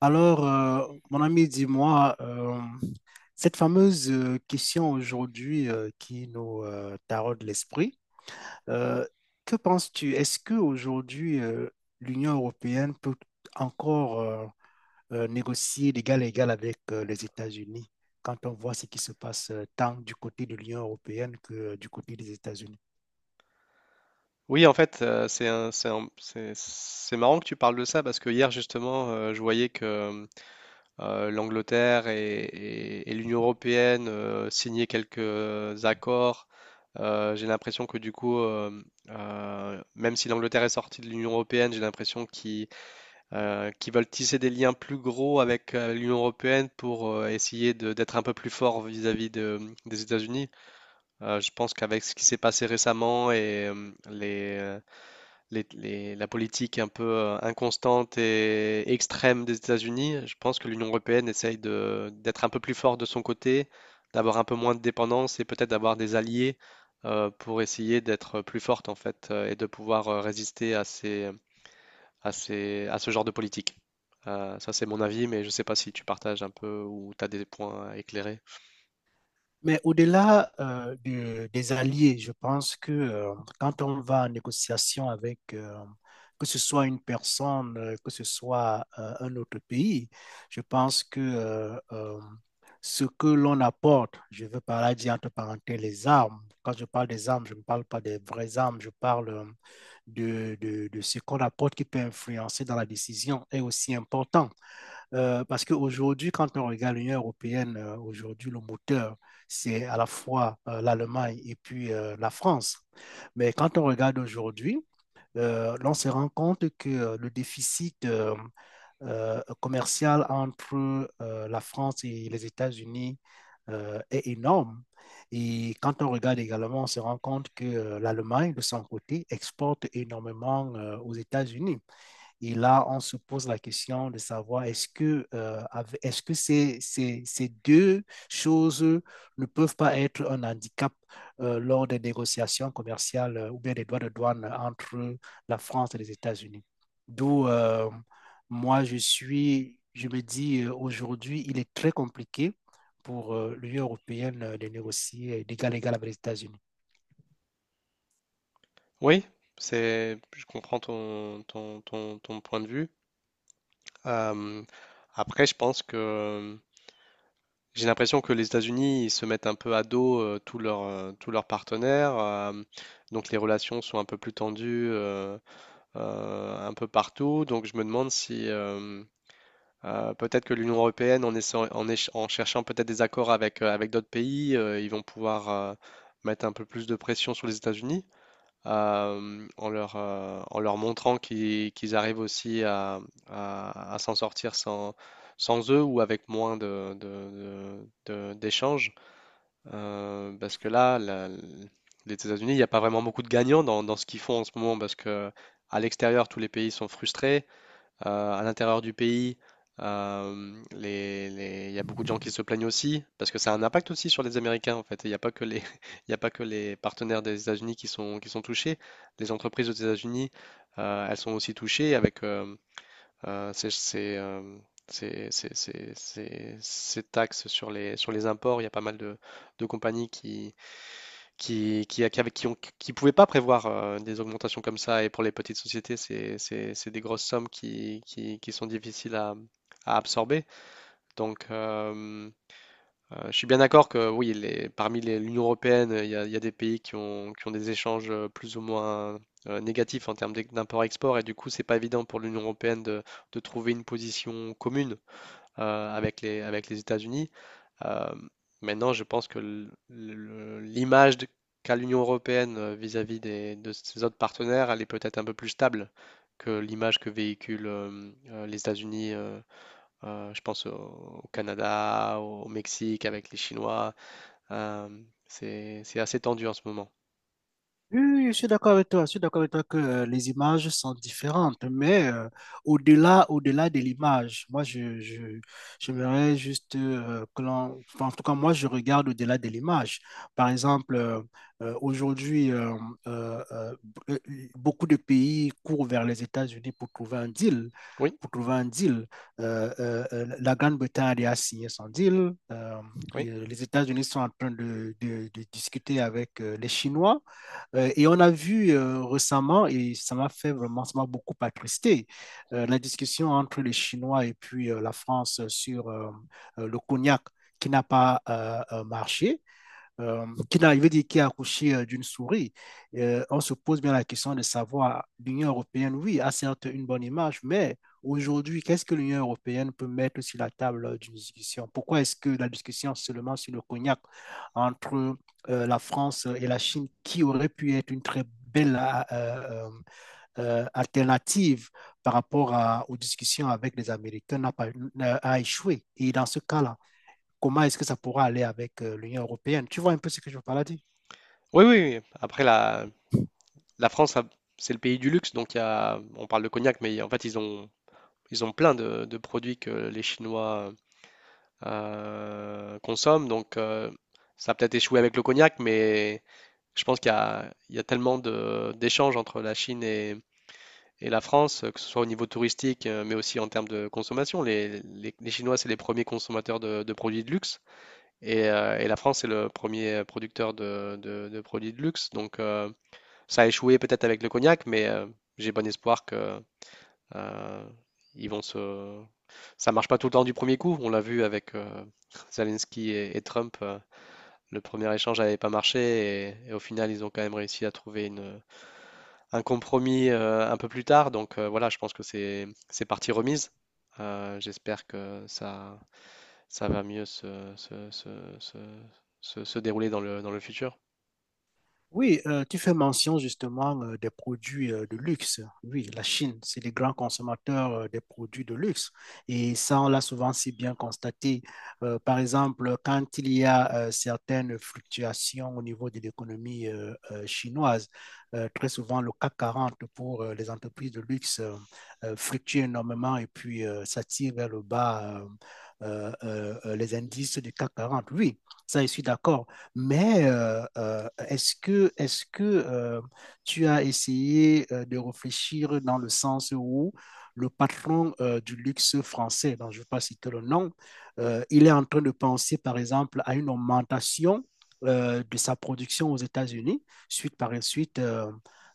Alors, mon ami, dis-moi, cette fameuse question aujourd'hui, qui nous taraude l'esprit. Euh, que penses-tu? Est-ce que aujourd'hui, l'Union européenne peut encore négocier d'égal à égal avec les États-Unis quand on voit ce qui se passe, tant du côté de l'Union européenne que du côté des États-Unis? Oui, en fait, c'est marrant que tu parles de ça parce que hier, justement, je voyais que l'Angleterre et l'Union européenne signaient quelques accords. J'ai l'impression que du coup, même si l'Angleterre est sortie de l'Union européenne, j'ai l'impression qu'ils veulent tisser des liens plus gros avec l'Union européenne pour essayer d'être un peu plus fort vis-à-vis des États-Unis. Je pense qu'avec ce qui s'est passé récemment et la politique un peu inconstante et extrême des États-Unis, je pense que l'Union européenne essaye d'être un peu plus forte de son côté, d'avoir un peu moins de dépendance et peut-être d'avoir des alliés pour essayer d'être plus forte en fait et de pouvoir résister à ce genre de politique. Ça, c'est mon avis, mais je ne sais pas si tu partages un peu ou tu as des points à éclairer. Mais au-delà des alliés, je pense que, quand on va en négociation avec, que ce soit une personne, que ce soit un autre pays, je pense que ce que l'on apporte, je veux par là dire entre parenthèses les armes. Quand je parle des armes, je ne parle pas des vraies armes, je parle, de ce qu'on apporte qui peut influencer dans la décision est aussi important. Parce qu'aujourd'hui, quand on regarde l'Union européenne, aujourd'hui, le moteur, c'est à la fois l'Allemagne et puis la France. Mais quand on regarde aujourd'hui, on se rend compte que le déficit commercial entre la France et les États-Unis est énorme. Et quand on regarde également, on se rend compte que l'Allemagne, de son côté, exporte énormément aux États-Unis. Et là, on se pose la question de savoir est-ce que ces deux choses ne peuvent pas être un handicap lors des négociations commerciales, ou bien des droits de douane entre la France et les États-Unis. D'où, moi, je suis, je me dis, aujourd'hui, il est très compliqué pour l'Union européenne de négocier d'égal à égal avec les États-Unis. Oui, je comprends ton point de vue. Euh, après, je pense que j'ai l'impression que les États-Unis, ils se mettent un peu à dos tous leurs partenaires, donc les relations sont un peu plus tendues un peu partout. Donc je me demande si peut-être que l'Union européenne, en, essayant- en, éche- en cherchant peut-être des accords avec avec d'autres pays, ils vont pouvoir mettre un peu plus de pression sur les États-Unis en leur montrant qu'ils arrivent aussi à s'en sortir sans eux ou avec moins d'échanges. Parce que là, les États-Unis, il n'y a pas vraiment beaucoup de gagnants dans ce qu'ils font en ce moment parce que à l'extérieur, tous les pays sont frustrés. À l'intérieur du pays, il y a beaucoup de gens qui se plaignent aussi, parce que ça a un impact aussi sur les Américains, en fait. Il n'y a pas que les, il y a pas que les partenaires des États-Unis qui sont touchés. Les entreprises aux États-Unis, elles sont aussi touchées avec ces, ces, ces- ces- ces- ces- ces taxes sur les imports. Il y a pas mal de compagnies qui, qui pouvaient pas prévoir des augmentations comme ça. Et pour les petites sociétés, c'est des grosses sommes qui sont difficiles à absorber. Donc, je suis bien d'accord que oui, parmi l'Union européenne, il y a des pays qui ont des échanges plus ou moins négatifs en termes d'import-export. Et du coup, c'est pas évident pour l'Union européenne de trouver une position commune avec les États-Unis. Euh, maintenant, je pense que l'image qu'a l'Union européenne vis-à-vis des, de ses autres partenaires, elle est peut-être un peu plus stable que l'image que véhiculent les États-Unis, je pense au, au Canada, au Mexique, avec les Chinois. Euh, c'est assez tendu en ce moment. Oui, oui, oui, je suis d'accord avec toi. Je suis d'accord avec toi que, les images sont différentes, mais au-delà de l'image, moi, j'aimerais juste que l'on, enfin, en tout cas, moi, je regarde au-delà de l'image. Par exemple, aujourd'hui, euh, euh, beaucoup de pays courent vers les États-Unis pour trouver un deal. Oui, Pour trouver un deal, la Grande-Bretagne a signé son deal. Euh, oui. et, les États-Unis sont en train de discuter avec les Chinois. Et on a vu, récemment, et ça m'a fait vraiment, ça m'a beaucoup attristé, la discussion entre les Chinois et puis la France sur le cognac qui n'a pas marché, qui, je veux dire, qui a accouché d'une souris. On se pose bien la question de savoir: l'Union européenne, oui, a certes une bonne image, mais aujourd'hui, qu'est-ce que l'Union européenne peut mettre sur la table, d'une discussion? Pourquoi est-ce que la discussion seulement sur le cognac entre la France et la Chine, qui aurait pu être une très belle, alternative par rapport aux discussions avec les Américains, n'a pas, a échoué? Et dans ce cas-là, comment est-ce que ça pourra aller avec l'Union européenne? Tu vois un peu ce que je veux par là dire? Oui, oui, oui. Après, la France, c'est le pays du luxe, donc il y a, on parle de cognac, mais en fait, ils ont ils ont plein de produits que les Chinois consomment, donc ça a peut-être échoué avec le cognac, mais je pense il y a tellement d'échanges entre la Chine et la France, que ce soit au niveau touristique, mais aussi en termes de consommation. Les Chinois, c'est les premiers consommateurs de produits de luxe, et la France, c'est le premier producteur de produits de luxe. Donc ça a échoué peut-être avec le cognac, mais j'ai bon espoir que euh, ils vont se, ça marche pas tout le temps du premier coup. On l'a vu avec Zelensky et Trump. Le premier échange n'avait pas marché et au final, ils ont quand même réussi à trouver une, un compromis un peu plus tard. Donc voilà, je pense que c'est partie remise. J'espère que ça va mieux se, se dérouler dans le futur. Oui, tu fais mention justement des produits de luxe. Oui, la Chine, c'est les grands consommateurs des produits de luxe. Et ça, on l'a souvent si bien constaté. Par exemple, quand il y a certaines fluctuations au niveau de l'économie, chinoise, très souvent le CAC 40 pour les entreprises de luxe fluctue énormément et puis ça tire vers le bas, les indices du CAC 40. Oui, ça, je suis d'accord. Mais est-ce que tu as essayé de réfléchir dans le sens où le patron du luxe français, dont je ne vais pas citer le nom, il est en train de penser, par exemple, à une augmentation de sa production aux États-Unis, suite par suite, euh,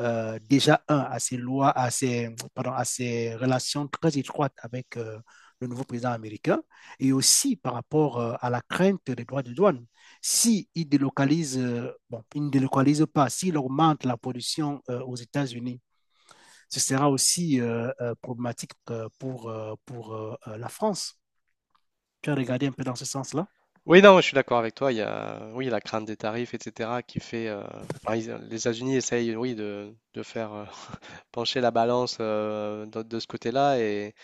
euh, déjà, un, à ses lois, à ses, pardon, à ses relations très étroites avec le nouveau président américain, et aussi par rapport à la crainte des droits de douane si ils délocalisent, bon, ils ne délocalisent pas, s'ils augmentent la production aux États-Unis, ce sera aussi problématique pour la France. Tu as regardé un peu dans ce sens-là? Oui, non, je suis d'accord avec toi. Il y a, oui, la crainte des tarifs, etc., qui fait. Enfin, les États-Unis essayent, oui, de faire pencher la balance de ce côté-là. Et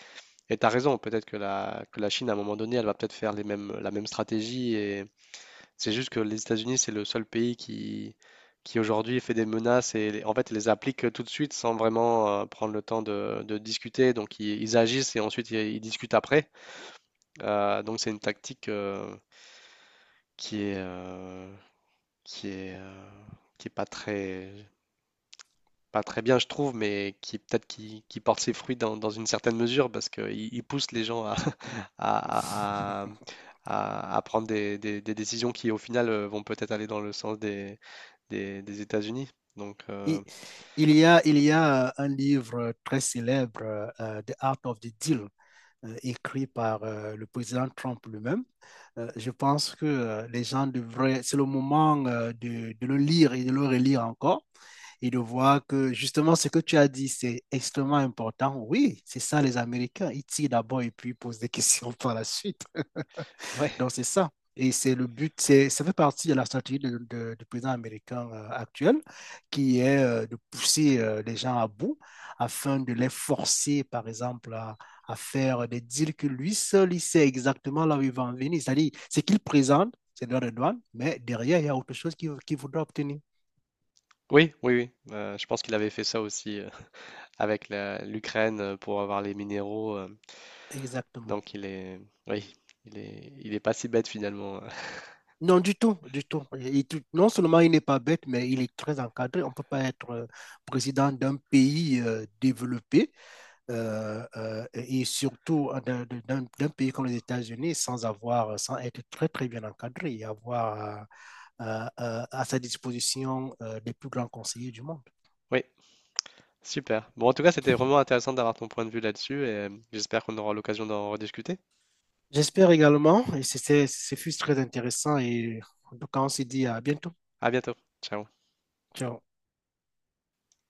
tu as raison, peut-être que que la Chine, à un moment donné, elle va peut-être faire les mêmes, la même stratégie. Et c'est juste que les États-Unis, c'est le seul pays qui aujourd'hui fait des menaces et en fait ils les applique tout de suite sans vraiment prendre le temps de discuter. Donc ils agissent et ensuite ils discutent après. Donc c'est une tactique qui est, euh, qui est, euh, qui est pas très pas très bien, je trouve, mais qui peut-être qui porte ses fruits dans, dans une certaine mesure parce qu'il il pousse les gens à, à, à- à- à prendre des, des décisions qui, au final, vont peut-être aller dans le sens des États-Unis. Donc, Et, il y a un livre très célèbre, The Art of the Deal, écrit par le président Trump lui-même. Je pense que, les gens devraient, c'est le moment de le lire et de le relire encore et de voir que justement ce que tu as dit, c'est extrêmement important. Oui, c'est ça les Américains. Ils tirent d'abord et puis ils posent des questions par la suite. ouais, Donc, c'est ça. Et c'est le but, ça fait partie de la stratégie du président américain actuel, qui est de pousser les gens à bout afin de les forcer, par exemple, à faire des deals que lui seul, il sait exactement là où il va en venir. C'est-à-dire, ce qu'il présente, c'est droit de douane, mais derrière, il y a autre chose qu'il voudra obtenir. oui, oui, oui. Je pense qu'il avait fait ça aussi avec l'Ukraine pour avoir les minéraux. Exactement. donc, il est, oui, il est pas si bête finalement. Non, du tout, du tout. Non seulement il n'est pas bête, mais il est très encadré. On ne peut pas être président d'un pays développé, et surtout d'un pays comme les États-Unis sans avoir, sans être très très bien encadré et avoir à sa disposition les plus grands conseillers du monde. Oui. Super. Bon, en tout cas, c'était vraiment intéressant d'avoir ton point de vue là-dessus et j'espère qu'on aura l'occasion d'en rediscuter. J'espère également, et ce fut très intéressant, et en tout cas, on se dit à bientôt. À bientôt. Ciao. Ciao.